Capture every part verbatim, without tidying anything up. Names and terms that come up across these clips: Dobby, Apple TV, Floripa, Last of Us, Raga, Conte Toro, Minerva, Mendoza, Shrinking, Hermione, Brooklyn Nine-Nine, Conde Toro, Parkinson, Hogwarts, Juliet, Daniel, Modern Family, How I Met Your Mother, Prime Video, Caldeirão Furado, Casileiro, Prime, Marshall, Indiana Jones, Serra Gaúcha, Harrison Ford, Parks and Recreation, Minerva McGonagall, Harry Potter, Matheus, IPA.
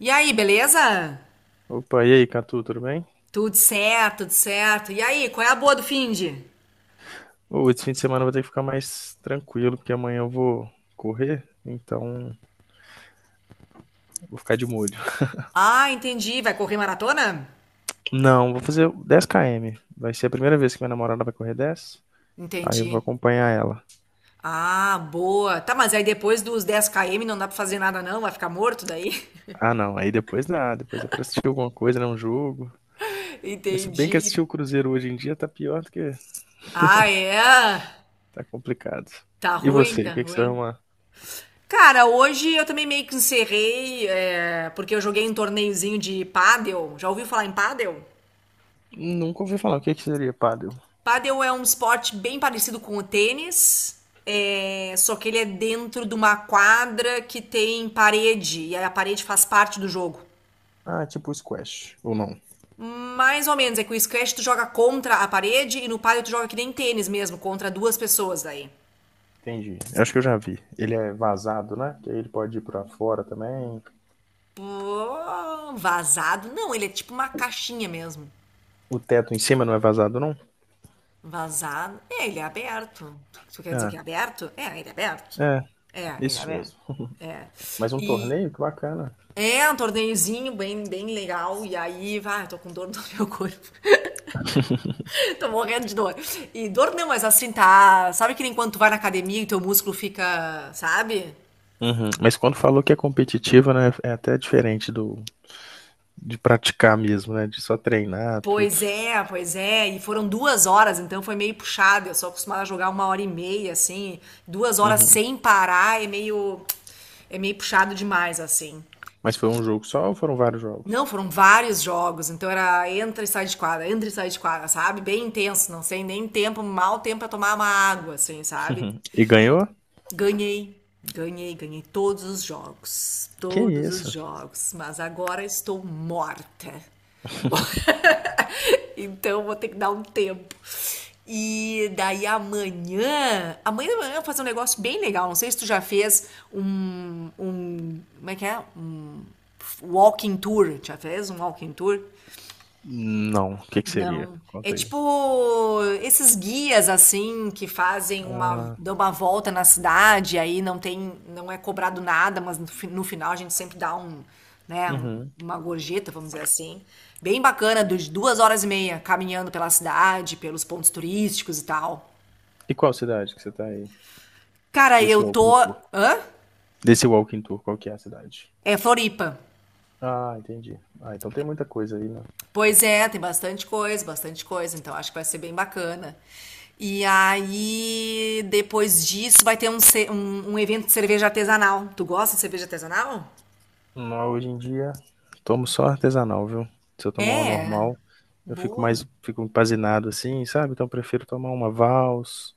E aí, beleza? Opa, e aí, Catu, tudo bem? Tudo certo, tudo certo. E aí, qual é a boa do finde? Ô, esse fim de semana eu vou ter que ficar mais tranquilo, porque amanhã eu vou correr, então vou ficar de molho. Ah, entendi. Vai correr maratona? Não, vou fazer dez quilômetros. Vai ser a primeira vez que minha namorada vai correr dez, aí Entendi. eu vou acompanhar ela. Ah, boa. Tá, mas aí depois dos dez quilômetros não dá pra fazer nada não? Vai ficar morto daí? Ah, não, aí depois dá, depois dá pra assistir alguma coisa, né, um jogo. Mas se bem que Entendi. assistir o Cruzeiro hoje em dia tá pior do que... Ah, é? tá complicado. Tá E ruim, você, o tá que que você vai ruim. arrumar? Cara, hoje eu também meio que encerrei, é, porque eu joguei um torneiozinho de pádel. Já ouviu falar em pádel? Nunca ouvi falar, o que que seria pádel? Padel é um esporte bem parecido com o tênis, é, só que ele é dentro de uma quadra que tem parede, e a parede faz parte do jogo. Ah, tipo squash, ou não? Mais ou menos, é que o squash tu joga contra a parede e no padel tu joga que nem tênis mesmo, contra duas pessoas daí. Entendi. Eu acho que eu já vi. Ele é vazado, né? Que aí ele pode ir pra fora também. Pô, vazado? Não, ele é tipo uma caixinha mesmo. O teto em cima não é vazado, não? Vazado? É, ele é aberto. Tu, tu quer dizer que Ah, é aberto? É, ele é aberto. é, É, ele é isso aberto. mesmo. É. Mas um E, torneio, que bacana. É, um torneiozinho bem, bem legal. E aí, vai, eu tô com dor no meu corpo. Tô morrendo de dor. E dor não, mas assim, tá. Sabe que nem quando tu vai na academia e teu músculo fica, sabe? Uhum. Mas quando falou que é competitivo, né? É até diferente do de praticar mesmo, né? De só treinar, tudo. Pois é, pois é. E foram duas horas, então foi meio puxado. Eu sou acostumada a jogar uma hora e meia, assim. Duas horas Uhum. sem parar é meio. É meio puxado demais, assim. Mas foi um jogo só ou foram vários Não, jogos? foram vários jogos, então era entra e sai de quadra, entra e sai de quadra, sabe? Bem intenso, não sei nem tempo, mal tempo pra tomar uma água, assim, sabe? E ganhou? Ganhei, ganhei, ganhei todos os jogos, Que todos os isso? jogos, mas agora estou morta. Então vou ter que dar um tempo. E daí amanhã, amanhã de manhã eu vou fazer um negócio bem legal. Não sei se tu já fez um, um, como é que é? Um walking tour. Já fez um walking tour? Não, o que que seria? Não. É Conta aí. tipo esses guias assim que fazem uma, dão uma volta na cidade, aí não tem, não é cobrado nada, mas no, fi- no final a gente sempre dá um, né, um- Uhum. uma gorjeta, vamos dizer assim. Bem bacana, de duas horas e meia caminhando pela cidade, pelos pontos turísticos e tal. E qual cidade que você tá aí? Cara, Desse eu Walking tô. Tour. Hã? Desse Walking Tour, qual que é a cidade? É Floripa. Ah, entendi. Ah, então tem muita coisa aí, né? Pois é, tem bastante coisa, bastante coisa, então acho que vai ser bem bacana. E aí, depois disso, vai ter um, ce- um, um evento de cerveja artesanal. Tu gosta de cerveja artesanal? Mas hoje em dia, tomo só artesanal, viu? Se eu tomar uma É, normal, eu fico boa. mais, fico empazinado assim, sabe? Então eu prefiro tomar uma Vals,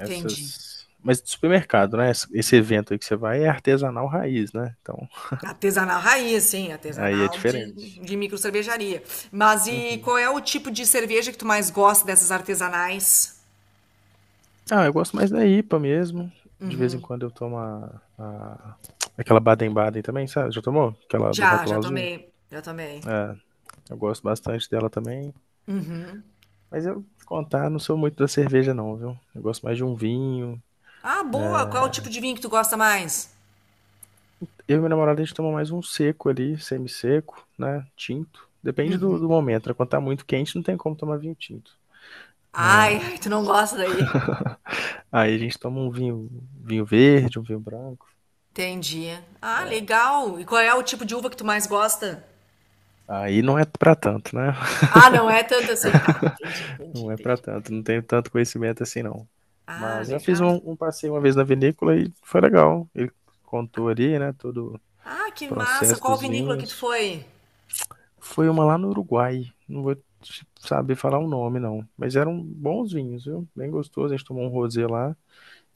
Entendi. Mas de supermercado, né? Esse esse evento aí que você vai é artesanal raiz, né? Então Artesanal raiz, sim, aí é artesanal de, diferente. de micro cervejaria. Mas e Uhum. qual é o tipo de cerveja que tu mais gosta dessas artesanais? Ah, eu gosto mais da I P A mesmo. De vez em quando eu tomo a, a- aquela Baden-Baden também, sabe? Já tomou? Aquela do Já, rótulo já azul. tomei, já tomei. Eu gosto bastante dela também. Mas eu te contar, não sou muito da cerveja, não, viu? Eu gosto mais de um vinho. Ah, boa. Qual é o tipo de vinho que tu gosta mais? Eu e minha namorada, a gente toma mais um seco ali, semi-seco, né? Tinto. Depende do, do momento, né? Quando tá muito quente, não tem como tomar vinho tinto. Ai, Mas ai, tu não gosta daí. aí a gente toma um vinho, vinho verde, um vinho branco. Entendi. Ah, legal. E qual é o tipo de uva que tu mais gosta? Aí não é pra tanto, né? Ah, não é tanto assim, tá. Entendi, entendi, Não é pra entendi. tanto, não tenho tanto conhecimento assim, não. Ah, Mas já fiz um, legal. um passeio uma vez na vinícola e foi legal. Ele contou ali, né, todo Ah, o que massa. processo Qual dos vinícola que tu vinhos. foi? Foi uma lá no Uruguai. Não vou te saber falar o nome, não. Mas eram bons vinhos, viu? Bem gostoso. A gente tomou um rosé lá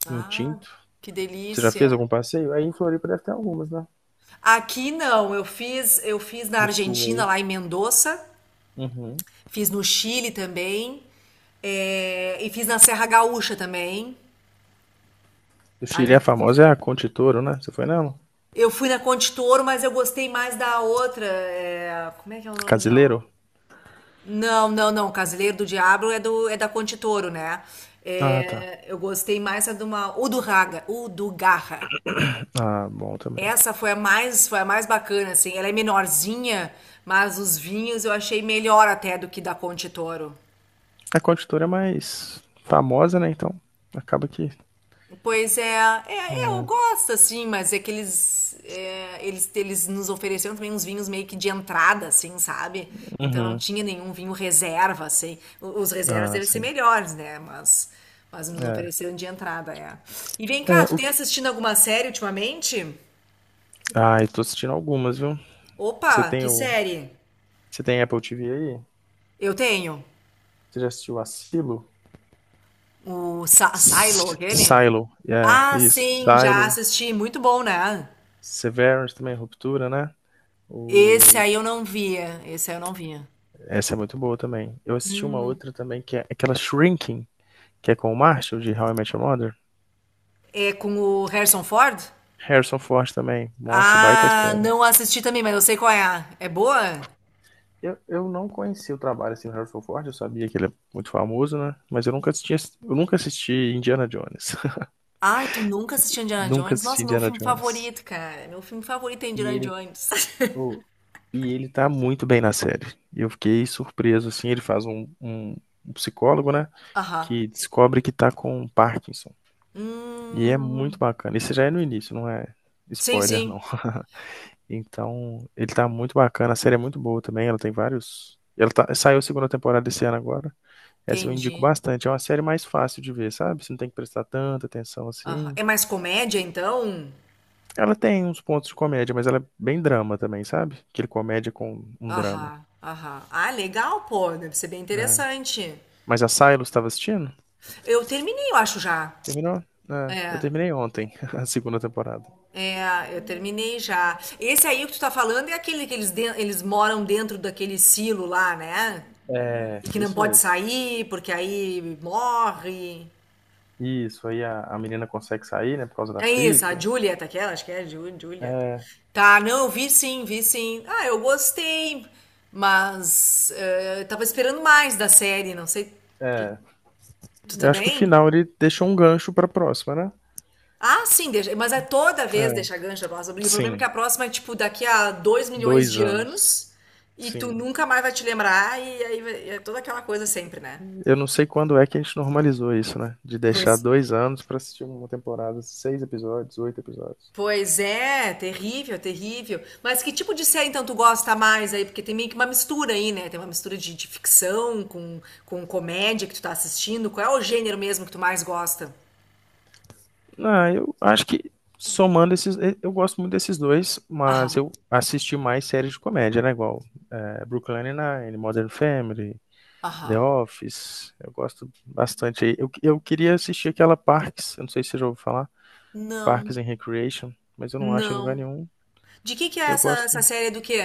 e um Ah, tinto. que Você já fez delícia. algum passeio? Aí em Floripa deve ter algumas, né? Aqui não, eu fiz, eu fiz na Do sul Argentina, aí. lá em Mendoza, Uhum. fiz no Chile também, eh, e fiz na Serra Gaúcha também. O Chile é Ali. famosa é a Conte Toro, né? Você foi nela? Eu fui na Conde Toro, mas eu gostei mais da outra. Eh, como é que é o nome da outra? Casileiro? Não, não, não. Casileiro do Diabo é do é da Conte Toro, né? Ah, tá. É, eu gostei mais a de uma o do Raga, o do Garra. Ah, bom também. Essa foi a mais foi a mais bacana, assim. Ela é menorzinha, mas os vinhos eu achei melhor até do que da Conte Toro. A Conte Toro é mais famosa, né? Então acaba que. Pois é, é, é, eu gosto assim, mas é que eles, é, eles, eles nos ofereceram também uns vinhos meio que de entrada, assim, sabe? Então não Uhum. tinha nenhum vinho reserva, assim. O- Os reservas Ah, devem ser sim. melhores, né? Mas, mas nos É. ofereceram de entrada, é. E vem É, cá, tu o tem que... assistindo alguma série ultimamente? Ah, eu tô assistindo algumas, viu? Você Opa, tem que o. série? Você tem Apple T V aí? Eu tenho. Você já assistiu Asilo? O Sa- Silo, S- aquele? Silo, é, Ah, isso. sim, já Silo, assisti. Muito bom, né? Severance também, Ruptura, né? Esse O... aí eu não via. Esse aí eu não via. Essa é muito boa também. Eu assisti uma outra também, que é aquela Shrinking, que é com o Marshall, de How I Met Your Mother. É com o Harrison Ford? Harrison Ford também. Nossa, baita Ah, série. não assisti também, mas eu sei qual é. É boa? Eu, eu não conheci o trabalho assim, do Harrison Ford, eu sabia que ele é muito famoso, né? Mas eu nunca assisti, eu nunca assisti Indiana Jones. Ai, tu nunca assistiu Indiana Nunca Jones? assisti Nossa, meu Indiana filme Jones. favorito, cara. Meu filme favorito é E Indiana ele, Jones. oh, e ele tá muito bem na série. E eu fiquei surpreso, assim, ele faz um, um- um psicólogo, né, Aham. que descobre que tá com Parkinson. E é muito Hum. bacana. Isso já é no início, não é Sim, spoiler, não. sim. Então, ele tá muito bacana. A série é muito boa também, ela tem vários... Ela tá- saiu a segunda temporada esse ano agora. Essa eu indico Entendi. bastante. É uma série mais fácil de ver, sabe? Você não tem que prestar tanta atenção Aham. assim. É mais comédia, então? Ela tem uns pontos de comédia, mas ela é bem drama também, sabe? Aquele comédia com um drama. Aham, aham. Ah, legal, pô. Deve ser bem Né? interessante. Mas a Silos estava assistindo? Eu terminei, eu acho já. Terminou? É, eu É. terminei ontem a segunda temporada. É, eu terminei já. Esse aí que tu tá falando é aquele que eles, den- eles moram dentro daquele silo lá, né? É, E que não isso pode mesmo. sair, porque aí morre. Isso, aí a, a menina consegue sair, né, por causa da É isso, a fita. Juliet, aquela, acho que é a Ju- Juliet. É, Tá, não, eu vi sim, vi sim. Ah, eu gostei, mas eh, eu tava esperando mais da série, não sei. que- é. Tu tá Eu acho que o bem? final ele deixou um gancho pra próxima, né? Ah, sim, deixa- mas é toda vez É, deixa gancho a próxima. E o problema é que a sim. próxima é tipo daqui a dois milhões Dois de anos. anos e tu Sim. nunca mais vai te lembrar e aí vai- é toda aquela coisa sempre, né? Eu não sei quando é que a gente normalizou isso, né? De deixar Pois dois anos pra assistir uma temporada, seis episódios, oito episódios. Pois é, terrível, terrível. Mas que tipo de série então tu gosta mais aí? Porque tem meio que uma mistura aí, né? Tem uma mistura de, de ficção com, com comédia que tu tá assistindo. Qual é o gênero mesmo que tu mais gosta? Ah, eu acho que somando esses. Eu, gosto muito desses dois, mas Aham, eu assisti mais séries de comédia, né? Igual é, Brooklyn Nine-Nine, Modern Family, The aham. Office, eu gosto bastante aí. Eu, eu queria assistir aquela Parks, eu não sei se você já ouviu falar, Não, Parks and Recreation, mas eu não acho em lugar não. nenhum. De que que é Eu essa, gosto. essa série do quê?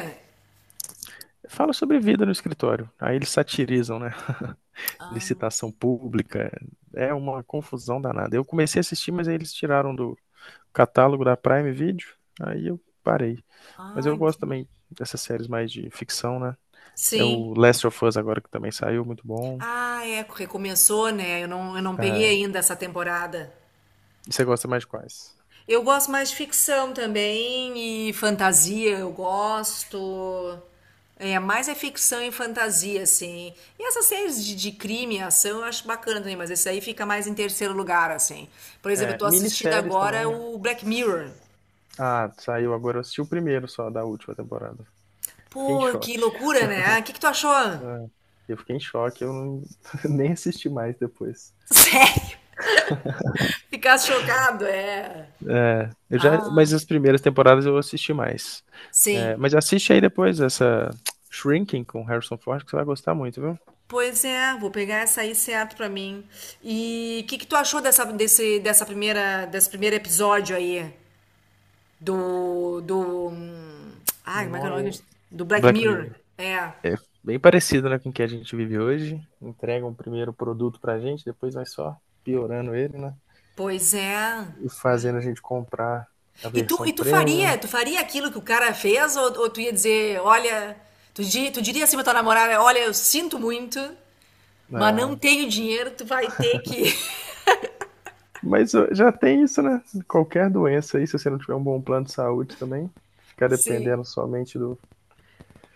Fala sobre vida no escritório. Aí eles satirizam, né? Ah, Licitação pública. É uma confusão danada. Eu comecei a assistir, mas aí eles tiraram do catálogo da Prime Video. Aí eu parei. Mas ah, eu gosto entendi. também dessas séries mais de ficção, né? É o Sim. Last of Us agora que também saiu, muito bom. Ah, é, recomeçou, né? Eu não, eu não peguei ainda essa temporada. E você gosta mais de quais? Eu gosto mais de ficção também e fantasia, eu gosto. É, mais é ficção e fantasia, assim. E essas séries de, de crime e ação eu acho bacana também, mas esse aí fica mais em terceiro lugar, assim. Por exemplo, eu É, tô assistindo minisséries também, agora né? o Black Mirror. Ah, saiu agora. Eu assisti o primeiro só da última temporada. Fiquei em Pô, que choque. loucura, né? O que que tu achou? Ah, eu fiquei em choque. Eu não... nem assisti mais depois. Sério? Ficar chocado, é. Eu já... Mas Ah, as primeiras temporadas eu assisti mais. É, sim. mas assiste aí depois essa Shrinking com Harrison Ford, que você vai gostar muito, viu? Pois é, vou pegar essa aí certo pra mim. E o que que tu achou dessa, desse, dessa primeira, desse primeiro episódio aí? Do, do... hum, Ai, como é que é o Não, nome? eu... Do Black Black Mirror. Mirror. É, É bem parecido né, com o que a gente vive hoje. Entrega um primeiro produto pra gente, depois vai só piorando ele, né? pois é. E Ah. fazendo a gente comprar a E tu, versão e tu premium, faria, tu faria aquilo que o cara fez? Ou, ou tu ia dizer, olha... Tu, di- tu diria assim pra tua namorada, olha, eu sinto muito, mas não né? tenho dinheiro, tu vai ter que... Mas ó, já tem isso, né? Qualquer doença aí, se você não tiver um bom plano de saúde também, ficar Sim. dependendo somente do.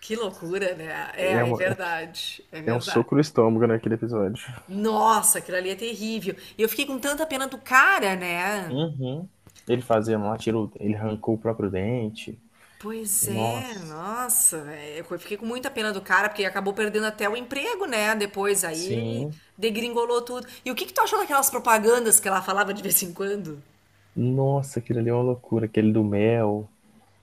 Que loucura, né? É, É, é uma- verdade. É É um verdade. soco no estômago naquele episódio. Nossa, aquilo ali é terrível. E eu fiquei com tanta pena do cara, né? Uhum. Ele fazendo lá, tirou, ele arrancou o próprio dente. Pois é, Nossa, nossa, é, eu fiquei com muita pena do cara, porque acabou perdendo até o emprego, né? Depois aí sim. degringolou tudo. E o que que tu achou daquelas propagandas que ela falava de vez em quando? Nossa, aquilo ali é uma loucura, aquele do mel.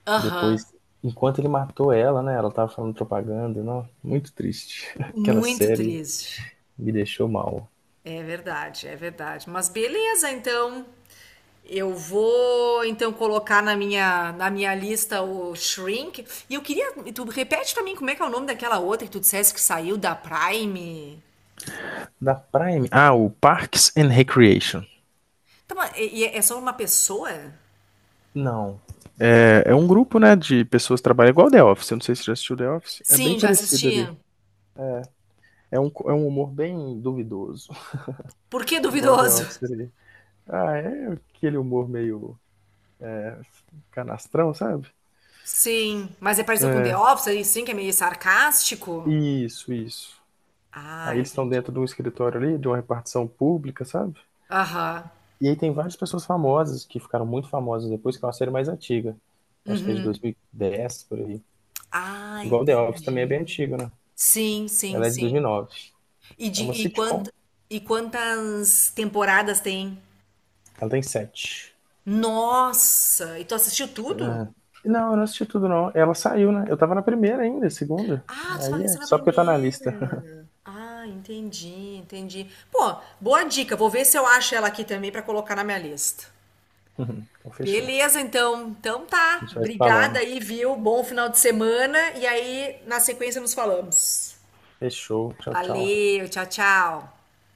Aham. Depois, enquanto ele matou ela, né? Ela tava falando propaganda. Não, muito triste. Aquela Muito série triste. me deixou mal. É verdade, é verdade. Mas beleza, então. Eu vou então colocar na minha, na minha lista o Shrink. E eu queria. E tu repete pra mim como é que é o nome daquela outra que tu dissesse que saiu da Prime. Da Prime. Ah, o Parks and Recreation. Tá, mas e- e é só uma pessoa? Não, é um grupo, né, de pessoas que trabalham igual The Office. Eu não sei se você já assistiu The Office. É bem Sim, já parecido assisti. ali. É um, é um humor bem duvidoso. Por que Igual The duvidoso? Office ali. Ah, é aquele humor meio canastrão, sabe? Sim, mas é parecido com The É, Office, aí sim, que é meio sarcástico. isso, isso. Ah, Aí eles estão entendi. dentro de um escritório ali, de uma repartição pública, sabe? Aham. E aí tem várias pessoas famosas que ficaram muito famosas depois, que é uma série mais antiga. Acho que é de Uhum. dois mil e dez, por aí. Ah, Igual The Office também é bem entendi. antiga, né? Sim, sim, Ela é de sim. dois mil e nove. E, É de, uma e, quant, sitcom, e quantas temporadas tem? ela tem sete. Nossa! E tu assistiu É. tudo? Não, eu não assisti tudo, não. Ela saiu, né? Eu tava na primeira ainda, segunda. Ah, tu Aí vai ser é na só porque tá na lista. primeira. Ah, entendi, entendi. Pô, boa dica. Vou ver se eu acho ela aqui também pra colocar na minha lista. Então fechou. A Beleza, então. Então tá. gente vai se Obrigada falando. aí, viu? Bom final de semana. E aí, na sequência, nos falamos. Fechou. Tchau, tchau. Valeu, tchau, tchau.